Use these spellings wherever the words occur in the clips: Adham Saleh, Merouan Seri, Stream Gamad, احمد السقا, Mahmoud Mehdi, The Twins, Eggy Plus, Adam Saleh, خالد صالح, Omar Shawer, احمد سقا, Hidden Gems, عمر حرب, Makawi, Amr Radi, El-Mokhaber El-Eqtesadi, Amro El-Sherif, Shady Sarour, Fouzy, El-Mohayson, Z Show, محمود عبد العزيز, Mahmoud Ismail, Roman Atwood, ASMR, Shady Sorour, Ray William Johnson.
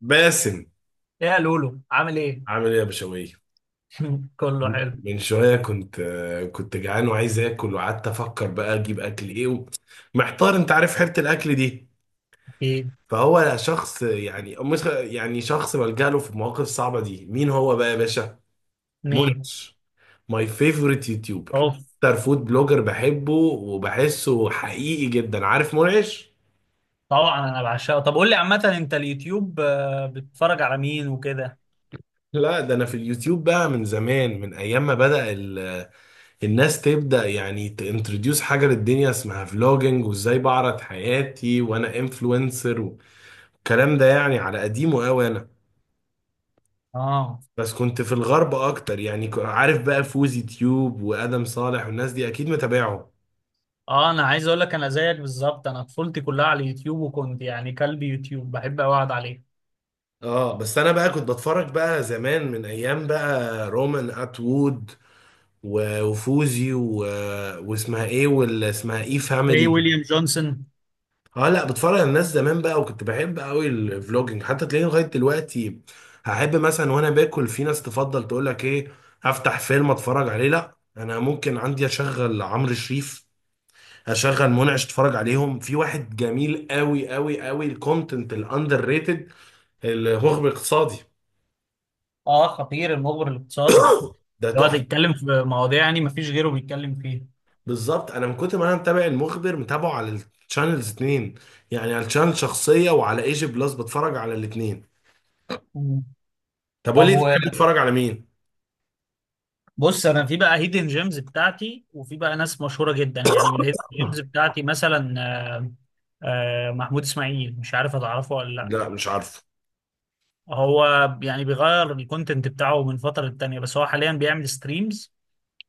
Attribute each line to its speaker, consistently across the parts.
Speaker 1: باسم،
Speaker 2: يا لولو عامل ايه؟
Speaker 1: عامل ايه يا بشوية؟
Speaker 2: كله حلو.
Speaker 1: من شوية كنت جعان وعايز اكل، وقعدت افكر بقى اجيب اكل ايه محتار. انت عارف حيرة الاكل دي.
Speaker 2: ايه
Speaker 1: فهو شخص، يعني مش، يعني شخص بلجأ له في المواقف الصعبة دي. مين هو بقى يا باشا؟
Speaker 2: مين؟
Speaker 1: منعش. ماي فيفورت يوتيوبر.
Speaker 2: اوف.
Speaker 1: اكتر فود بلوجر بحبه وبحسه حقيقي جدا. عارف منعش؟
Speaker 2: طبعا انا بعشقه. طب قول لي عامة، انت اليوتيوب بتتفرج على مين وكده؟
Speaker 1: لا، ده انا في اليوتيوب بقى من زمان، من ايام ما بدأ الناس تبدأ يعني تانتروديوس حاجة للدنيا اسمها فلوجينج، وازاي بعرض حياتي وانا انفلونسر. والكلام ده يعني على قديمه قوي انا.
Speaker 2: اه
Speaker 1: بس كنت في الغرب اكتر يعني، عارف بقى فوزي تيوب وادم صالح، والناس دي اكيد متابعهم.
Speaker 2: اه، انا عايز اقول لك انا زيك بالظبط، انا طفولتي كلها على اليوتيوب، وكنت يعني كلب يوتيوب بحب أوي اقعد عليه.
Speaker 1: اه، بس انا بقى كنت بتفرج بقى زمان، من ايام بقى رومان اتوود و- وفوزي و... واسمها ايه، ولا اسمها ايه
Speaker 2: ري
Speaker 1: فاميلي؟
Speaker 2: ويليام جونسون.
Speaker 1: اه، لا بتفرج على الناس زمان بقى. وكنت بحب قوي الفلوجينج، حتى تلاقيني لغايه دلوقتي هحب، مثلا وانا باكل، في ناس تفضل تقول لك ايه افتح فيلم اتفرج عليه. لا، انا ممكن عندي اشغل عمرو شريف، اشغل منعش اتفرج عليهم. في واحد جميل قوي قوي قوي، الكونتنت الاندر ريتد، المخبر الاقتصادي.
Speaker 2: اه، خطير المخبر الاقتصادي.
Speaker 1: ده
Speaker 2: بيقعد
Speaker 1: تحفه.
Speaker 2: يتكلم في مواضيع يعني مفيش غيره بيتكلم فيها.
Speaker 1: بالظبط انا من كتر ما انا متابع المخبر، متابعه على الشانلز اتنين، يعني على الشانل شخصيه وعلى ايجي بلس، بتفرج على الاتنين.
Speaker 2: مم.
Speaker 1: طب قول
Speaker 2: طب
Speaker 1: لي،
Speaker 2: و...
Speaker 1: تحب تتفرج على مين؟
Speaker 2: بص، انا في بقى هيدن جيمز بتاعتي، وفي بقى ناس مشهوره جدا، يعني من الهيدن جيمز بتاعتي مثلا آه، محمود اسماعيل، مش عارف هتعرفه ولا لا.
Speaker 1: لا، مش عارفه.
Speaker 2: هو يعني بيغير الكونتنت بتاعه من فتره للتانيه، بس هو حاليا بيعمل ستريمز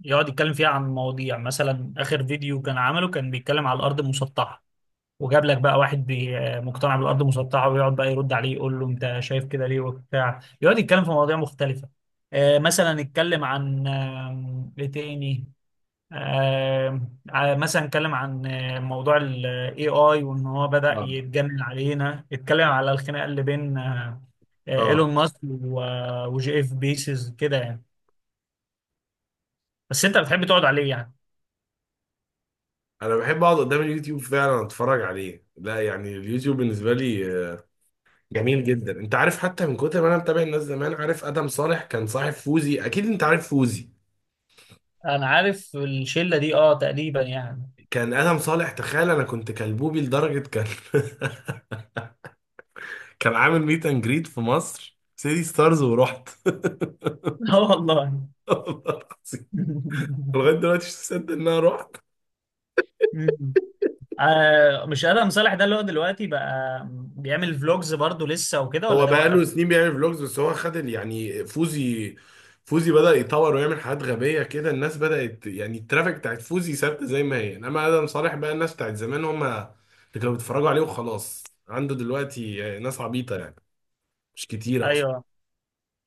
Speaker 2: يقعد يتكلم فيها عن مواضيع، مثلا اخر فيديو كان عمله كان بيتكلم على الارض المسطحه، وجاب لك بقى واحد مقتنع بالارض المسطحه، ويقعد بقى يرد عليه يقول له انت شايف كده ليه وبتاع. يقعد يتكلم في مواضيع مختلفه، مثلا اتكلم عن ايه تاني آه، مثلا اتكلم عن موضوع ال AI. وان هو بدأ
Speaker 1: آه.
Speaker 2: يتجنن علينا، اتكلم على الخناقة اللي بين ايلون
Speaker 1: اه،
Speaker 2: ماسك وجي اف بيسز كده يعني. بس انت بتحب تقعد عليه يعني.
Speaker 1: انا بحب اقعد قدام اليوتيوب فعلا، اتفرج عليه. لا يعني اليوتيوب بالنسبه لي جميل جدا. انت عارف حتى من كتر ما انا متابع الناس زمان، عارف ادم صالح كان صاحب فوزي؟ اكيد انت عارف فوزي.
Speaker 2: انا عارف الشلة دي اه، تقريبا يعني.
Speaker 1: كان ادم صالح، تخيل، انا كنت كلبوبي لدرجه كان كان عامل ميت اند جريد في مصر سيدي ستارز ورحت.
Speaker 2: اه والله.
Speaker 1: والله العظيم. لغايه دلوقتي مش مصدق ان انا رحت.
Speaker 2: مش ادهم صالح ده اللي هو دلوقتي بقى بيعمل فلوجز برضه لسه وكده، ولا
Speaker 1: هو
Speaker 2: ده وقف؟
Speaker 1: بقاله سنين بيعمل فلوجز، بس هو خد يعني فوزي بدأ يطور ويعمل حاجات غبية كده. الناس بدأت، يعني الترافيك بتاعت فوزي ثابتة زي ما هي، انما آدم صالح بقى الناس بتاعت زمان هم اللي كانوا بيتفرجوا عليه وخلاص. عنده دلوقتي ناس عبيطة، يعني مش كتير اصلا.
Speaker 2: ايوه،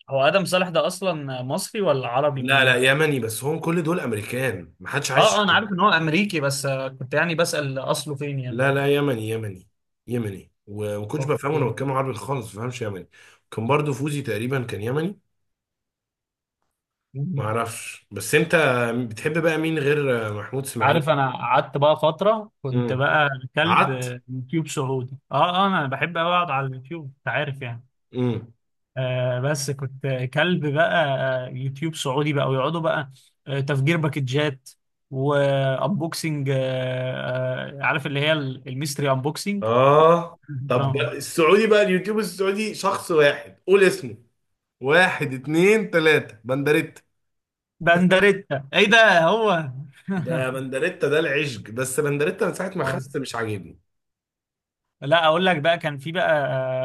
Speaker 2: هو ادهم صالح ده اصلا مصري ولا عربي
Speaker 1: لا لا،
Speaker 2: منين؟
Speaker 1: يمني. بس هم كل دول امريكان، ما حدش
Speaker 2: اه
Speaker 1: عايش.
Speaker 2: اه، انا عارف ان هو امريكي، بس كنت يعني بسأل اصله فين يعني.
Speaker 1: لا لا، يمني، يمني، يمني. وما كنتش
Speaker 2: أوه،
Speaker 1: بفهمه، انا
Speaker 2: فين.
Speaker 1: بتكلم عربي خالص، ما بفهمش يمني. كان برضو فوزي تقريبا كان يمني. ما
Speaker 2: مم.
Speaker 1: اعرفش. بس انت بتحب بقى مين غير محمود اسماعيل؟
Speaker 2: عارف انا قعدت بقى فترة كنت
Speaker 1: امم.
Speaker 2: بقى كلب
Speaker 1: عط.
Speaker 2: يوتيوب سعودي. اه اه، انا بحب أوي اقعد على اليوتيوب، انت عارف يعني.
Speaker 1: امم.
Speaker 2: آه، بس كنت كلب بقى يوتيوب سعودي بقى، ويقعدوا بقى تفجير باكجات، وانبوكسنج. عارف اللي هي الميستري انبوكسنج.
Speaker 1: اه، طب بقى
Speaker 2: دراما.
Speaker 1: السعودي، بقى اليوتيوب السعودي شخص واحد، قول اسمه. واحد، اتنين، تلاتة، بندريتا.
Speaker 2: بندريتا ايه ده هو.
Speaker 1: ده بندريتا، ده العشق. بس بندريتا من ساعة ما
Speaker 2: اه،
Speaker 1: خست مش عاجبني.
Speaker 2: لا اقول لك بقى كان في بقى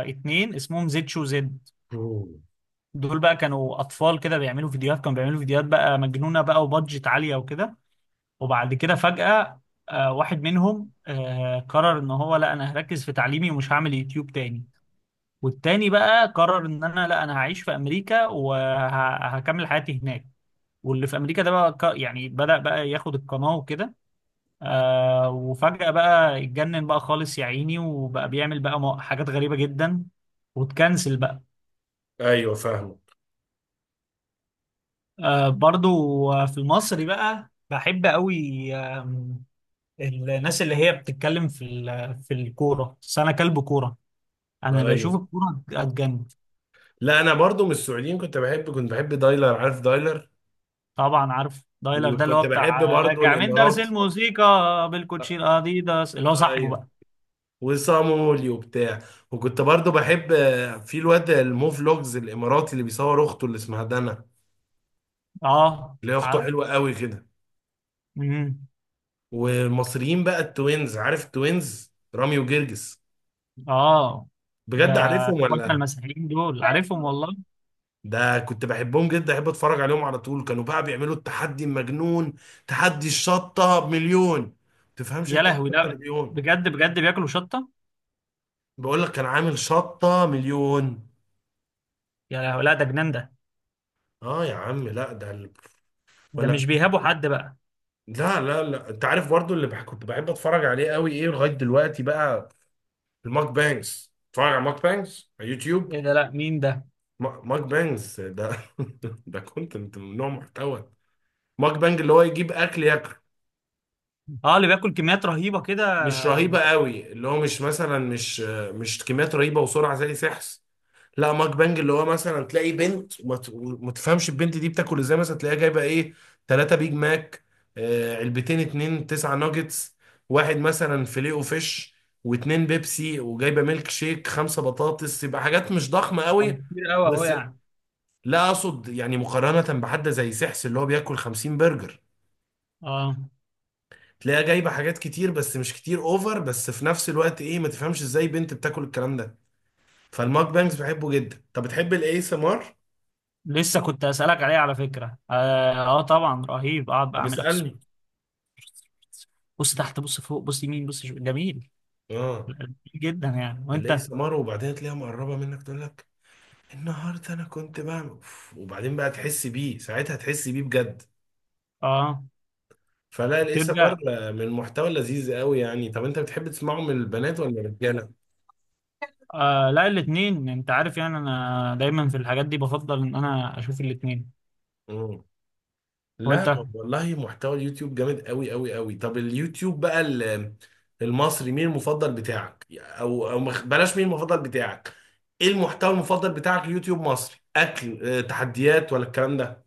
Speaker 2: اتنين اسمهم زد شو زد.
Speaker 1: مم.
Speaker 2: دول بقى كانوا اطفال كده بيعملوا فيديوهات بقى مجنونه، بقى وبادجت عاليه وكده. وبعد كده فجأة واحد منهم قرر ان هو لا انا هركز في تعليمي، ومش هعمل يوتيوب تاني. والتاني بقى قرر ان انا لا انا هعيش في امريكا، وهكمل حياتي هناك. واللي في امريكا ده بقى يعني بدأ بقى ياخد القناه وكده. آه، وفجأة بقى اتجنن بقى خالص يا عيني، وبقى بيعمل بقى حاجات غريبة جدا، وتكنسل بقى.
Speaker 1: ايوه، فاهمك.
Speaker 2: آه برضو، في المصري بقى بحب قوي. آم، الناس اللي هي بتتكلم في في الكورة، بس أنا كلب كورة. أنا بشوف
Speaker 1: ايوه،
Speaker 2: الكورة أتجنن.
Speaker 1: لا انا برضو من السعوديين، كنت بحب دايلر. عارف دايلر؟
Speaker 2: طبعا عارف دايلر، ده اللي هو
Speaker 1: وكنت بحب
Speaker 2: بتاع
Speaker 1: برضو
Speaker 2: راجع من درس
Speaker 1: الاماراتي.
Speaker 2: الموسيقى بالكوتشي أديداس، اللي هو صاحبه
Speaker 1: ايوه.
Speaker 2: بقى.
Speaker 1: وصامولي وبتاع. وكنت برضو بحب في الواد المو فلوجز الاماراتي اللي بيصور اخته اللي اسمها دنا،
Speaker 2: اه،
Speaker 1: اللي هي اخته
Speaker 2: عارف.
Speaker 1: حلوه قوي كده.
Speaker 2: مم.
Speaker 1: والمصريين بقى التوينز. عارف التوينز رامي وجرجس؟
Speaker 2: اه. ده
Speaker 1: بجد عارفهم
Speaker 2: اخواتنا
Speaker 1: ولا؟
Speaker 2: المسيحيين دول، عارفهم والله.
Speaker 1: ده كنت بحبهم جدا، احب اتفرج عليهم على طول. كانوا بقى بيعملوا التحدي المجنون، تحدي الشطه بمليون. تفهمش
Speaker 2: يا
Speaker 1: انت ايه
Speaker 2: لهوي،
Speaker 1: شطه
Speaker 2: لا.
Speaker 1: مليون؟
Speaker 2: بجد بجد بياكلوا شطة؟
Speaker 1: بقول لك كان عامل شطه مليون.
Speaker 2: يا لهوي لا، ده جنان ده.
Speaker 1: اه يا عم، لا ده
Speaker 2: ده
Speaker 1: ولا.
Speaker 2: مش بيهابوا حد بقى.
Speaker 1: لا لا لا، انت عارف برضو اللي كنت بحب اتفرج عليه قوي، ايه لغايه دلوقتي بقى؟ الماك بانجز. اتفرج على ماك بانجز على يوتيوب.
Speaker 2: ايه ده، لا مين ده؟
Speaker 1: ماك بانجز ده ده كونتنت من نوع محتوى. ماك بانج اللي هو يجيب اكل ياكل.
Speaker 2: اه، اللي بياكل كميات رهيبة كده
Speaker 1: مش رهيبه
Speaker 2: و-
Speaker 1: قوي، اللي هو مش مثلا، مش كميات رهيبه وسرعه زي سحس. لا، ماك بانج اللي هو مثلا تلاقي بنت وما تفهمش البنت دي بتاكل ازاي. مثلا تلاقيها جايبه ايه، ثلاثة بيج ماك، علبتين، اتنين تسعة ناجتس، واحد مثلا فيليه وفيش، واتنين بيبسي، وجايبه ميلك شيك، خمسة بطاطس. يبقى حاجات مش ضخمة قوي،
Speaker 2: وكتير قوي اهو
Speaker 1: بس.
Speaker 2: يعني.
Speaker 1: لا، اقصد يعني مقارنة بحد زي سحس اللي هو بياكل 50 برجر.
Speaker 2: اه،
Speaker 1: تلاقيها جايبه حاجات كتير، بس مش كتير اوفر. بس في نفس الوقت ايه، ما تفهمش ازاي بنت بتاكل الكلام ده. فالماك بانجز بحبه جدا. طب بتحب الاي اس ام ار؟
Speaker 2: لسه كنت اسالك عليه على فكره، اه، طبعا رهيب. اقعد بقى
Speaker 1: طب
Speaker 2: اعمل اكسر،
Speaker 1: اسألني.
Speaker 2: بص تحت بص فوق بص يمين بص شمال. جميل.
Speaker 1: اه،
Speaker 2: جميل جدا يعني.
Speaker 1: تلاقيه
Speaker 2: وانت؟
Speaker 1: سمر، وبعدين تلاقيها مقربه منك تقول لك النهارده انا كنت بعمل أوف، وبعدين بقى تحس بيه ساعتها، تحس بيه بجد.
Speaker 2: اه.
Speaker 1: فلا الايه سمر
Speaker 2: تبدا.
Speaker 1: من المحتوى لذيذ قوي يعني. طب انت بتحب تسمعه من البنات ولا الرجاله؟
Speaker 2: آه، لا الاثنين. انت عارف يعني انا دايما في الحاجات دي بفضل ان انا اشوف الاثنين.
Speaker 1: مم. لا،
Speaker 2: وانت؟
Speaker 1: والله محتوى اليوتيوب جامد قوي قوي قوي. طب اليوتيوب بقى المصري، مين المفضل بتاعك؟ او بلاش، مين المفضل بتاعك؟ ايه المحتوى المفضل بتاعك يوتيوب مصري، اكل، تحديات، ولا الكلام ده؟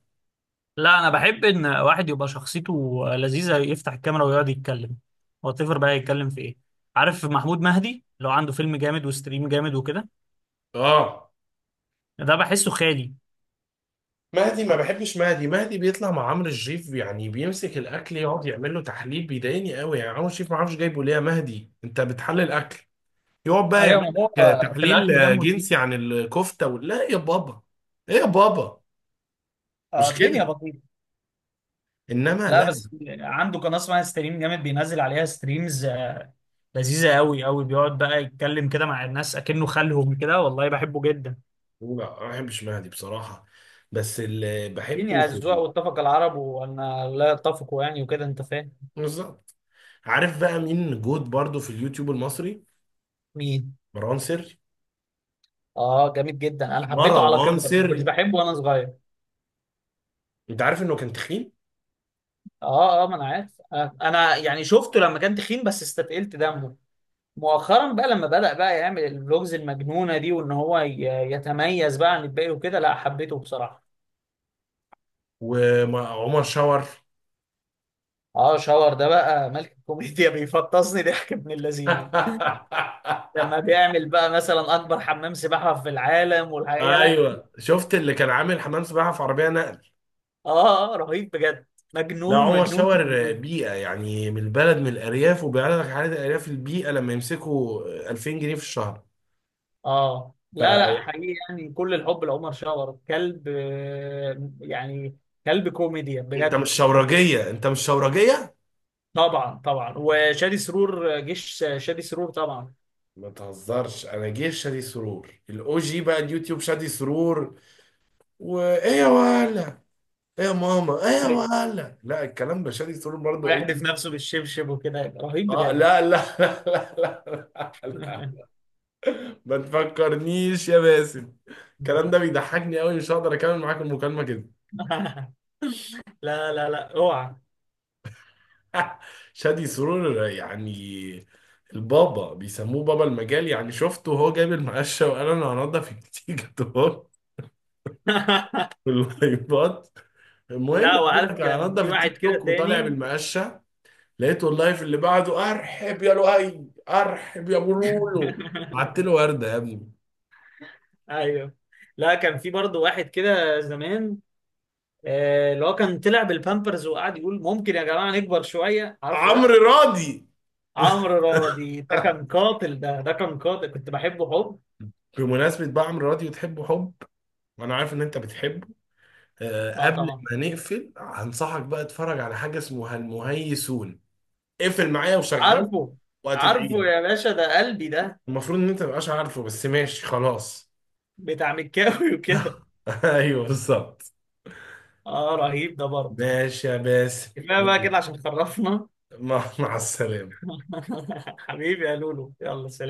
Speaker 2: لا، انا بحب ان واحد يبقى شخصيته لذيذه، يفتح الكاميرا ويقعد يتكلم. واتفر بقى يتكلم في ايه، عارف محمود مهدي لو عنده فيلم جامد وستريم جامد وكده،
Speaker 1: اه،
Speaker 2: ده بحسه خالي.
Speaker 1: مهدي ما بحبش مهدي. مهدي بيطلع مع عمرو الشريف، يعني بيمسك الاكل يقعد يعمل له تحليل، بيضايقني قوي. يعني عمرو الشريف ما اعرفش جايبه ليه. يا مهدي انت بتحلل اكل، يقعد بقى يعمل
Speaker 2: ايوه، ما هو
Speaker 1: لك
Speaker 2: في
Speaker 1: تحليل
Speaker 2: الاكل دمه تقيل.
Speaker 1: جنسي عن الكفته لا يا بابا، ايه يا بابا، مش كده.
Speaker 2: الدنيا بطيئه.
Speaker 1: انما
Speaker 2: لا
Speaker 1: لا لا،
Speaker 2: بس عنده قناه اسمها ستريم جامد، بينزل عليها ستريمز لذيذه قوي قوي، بيقعد بقى يتكلم كده مع الناس اكنه خالهم كده، والله بحبه جدا.
Speaker 1: ما بحبش مهدي بصراحه. بس اللي بحبه
Speaker 2: الدنيا
Speaker 1: في
Speaker 2: اذواق، واتفق العرب وان لا يتفقوا يعني وكده، انت فاهم.
Speaker 1: بالظبط. عارف بقى مين جود برضو في اليوتيوب المصري؟
Speaker 2: مين؟
Speaker 1: مروان سري.
Speaker 2: اه، جميل جدا. انا حبيته على
Speaker 1: مروان
Speaker 2: كده،
Speaker 1: سري،
Speaker 2: مش بحبه وانا صغير.
Speaker 1: انت عارف انه كان تخين؟
Speaker 2: اه اه، ما انا عارف. انا يعني شفته لما كان تخين، بس استثقلت دمه مؤخرا بقى لما بدأ بقى يعمل الفلوجز المجنونة دي، وان هو يتميز بقى عن الباقي وكده. لا حبيته بصراحة.
Speaker 1: وعمر شاور.
Speaker 2: اه، شاور ده بقى ملك الكوميديا. بيفطسني ضحك ابن اللذينة، لما بيعمل بقى مثلا اكبر حمام سباحة في العالم. والحقيقة لا.
Speaker 1: ايوه، شفت اللي كان عامل حمام سباحه في عربيه نقل.
Speaker 2: اه، رهيب بجد.
Speaker 1: لا
Speaker 2: مجنون
Speaker 1: عمر
Speaker 2: مجنون
Speaker 1: شاور
Speaker 2: مجنون.
Speaker 1: بيئه، يعني من البلد، من الارياف، وبيعرض لك حاله الارياف البيئه لما يمسكوا 2000 جنيه في الشهر.
Speaker 2: اه لا
Speaker 1: فانت
Speaker 2: لا، حقيقي يعني، كل الحب لعمر شاور، كلب يعني كلب كوميديا
Speaker 1: مش
Speaker 2: بجد.
Speaker 1: شورجيه؟ انت مش شورجيه.
Speaker 2: طبعا طبعا، وشادي سرور، جيش شادي سرور طبعا.
Speaker 1: ما تهزرش، انا جيش شادي سرور الاو جي. بقى اليوتيوب شادي سرور وايه يا ولا، ايه يا ماما، ايه يا
Speaker 2: أيوة.
Speaker 1: ولا. لا، الكلام ده شادي سرور برضه او
Speaker 2: ويحدف
Speaker 1: جي.
Speaker 2: نفسه بالشبشب وكده، رهيب
Speaker 1: اه
Speaker 2: بجد.
Speaker 1: لا لا لا لا، لا, لا. ما تفكرنيش يا باسم، الكلام ده بيضحكني قوي، مش هقدر اكمل معاك المكالمة كده.
Speaker 2: لا لا لا، اوعى.
Speaker 1: شادي سرور يعني البابا، بيسموه بابا المجال، يعني شفته وهو جايب المقشة وقال انا هنضف التيك توك واللايفات. المهم
Speaker 2: لا،
Speaker 1: بيقول
Speaker 2: وعارف
Speaker 1: لك انا
Speaker 2: كان في
Speaker 1: هنضف
Speaker 2: واحد
Speaker 1: التيك
Speaker 2: كده
Speaker 1: توك، وطالع
Speaker 2: تاني؟
Speaker 1: بالمقشة. لقيته اللايف اللي بعده ارحب يا لؤي، ارحب يا ابو لولو. بعت له وردة يا ابني.
Speaker 2: ايوه. لا، كان في برضه واحد كده زمان، اللي هو كان طلع بالبامبرز، وقعد يقول ممكن يا جماعه نكبر شويه. عارفه ده؟
Speaker 1: عمرو راضي.
Speaker 2: عمرو راضي، ده كان قاتل، ده ده كان قاتل. كنت بحبه حب.
Speaker 1: بمناسبة بقى عمرو راضي وتحبه حب، وانا عارف ان انت بتحبه،
Speaker 2: اه،
Speaker 1: قبل
Speaker 2: طبعا
Speaker 1: ما نقفل هنصحك بقى اتفرج على حاجه اسمها المهيسون. اقفل معايا وشغله،
Speaker 2: عارفه.
Speaker 1: وهتدعي
Speaker 2: عارفه
Speaker 1: لي.
Speaker 2: يا باشا، ده قلبي ده.
Speaker 1: المفروض ان انت مبقاش عارفه، بس ماشي خلاص.
Speaker 2: بتاع مكاوي وكده.
Speaker 1: ايوه بالظبط.
Speaker 2: اه، رهيب ده برضه.
Speaker 1: ماشي يا باسم،
Speaker 2: كفايه بقى كده
Speaker 1: يلا.
Speaker 2: عشان خرفنا.
Speaker 1: مع السلامه.
Speaker 2: حبيبي يا لولو، يلا سلام.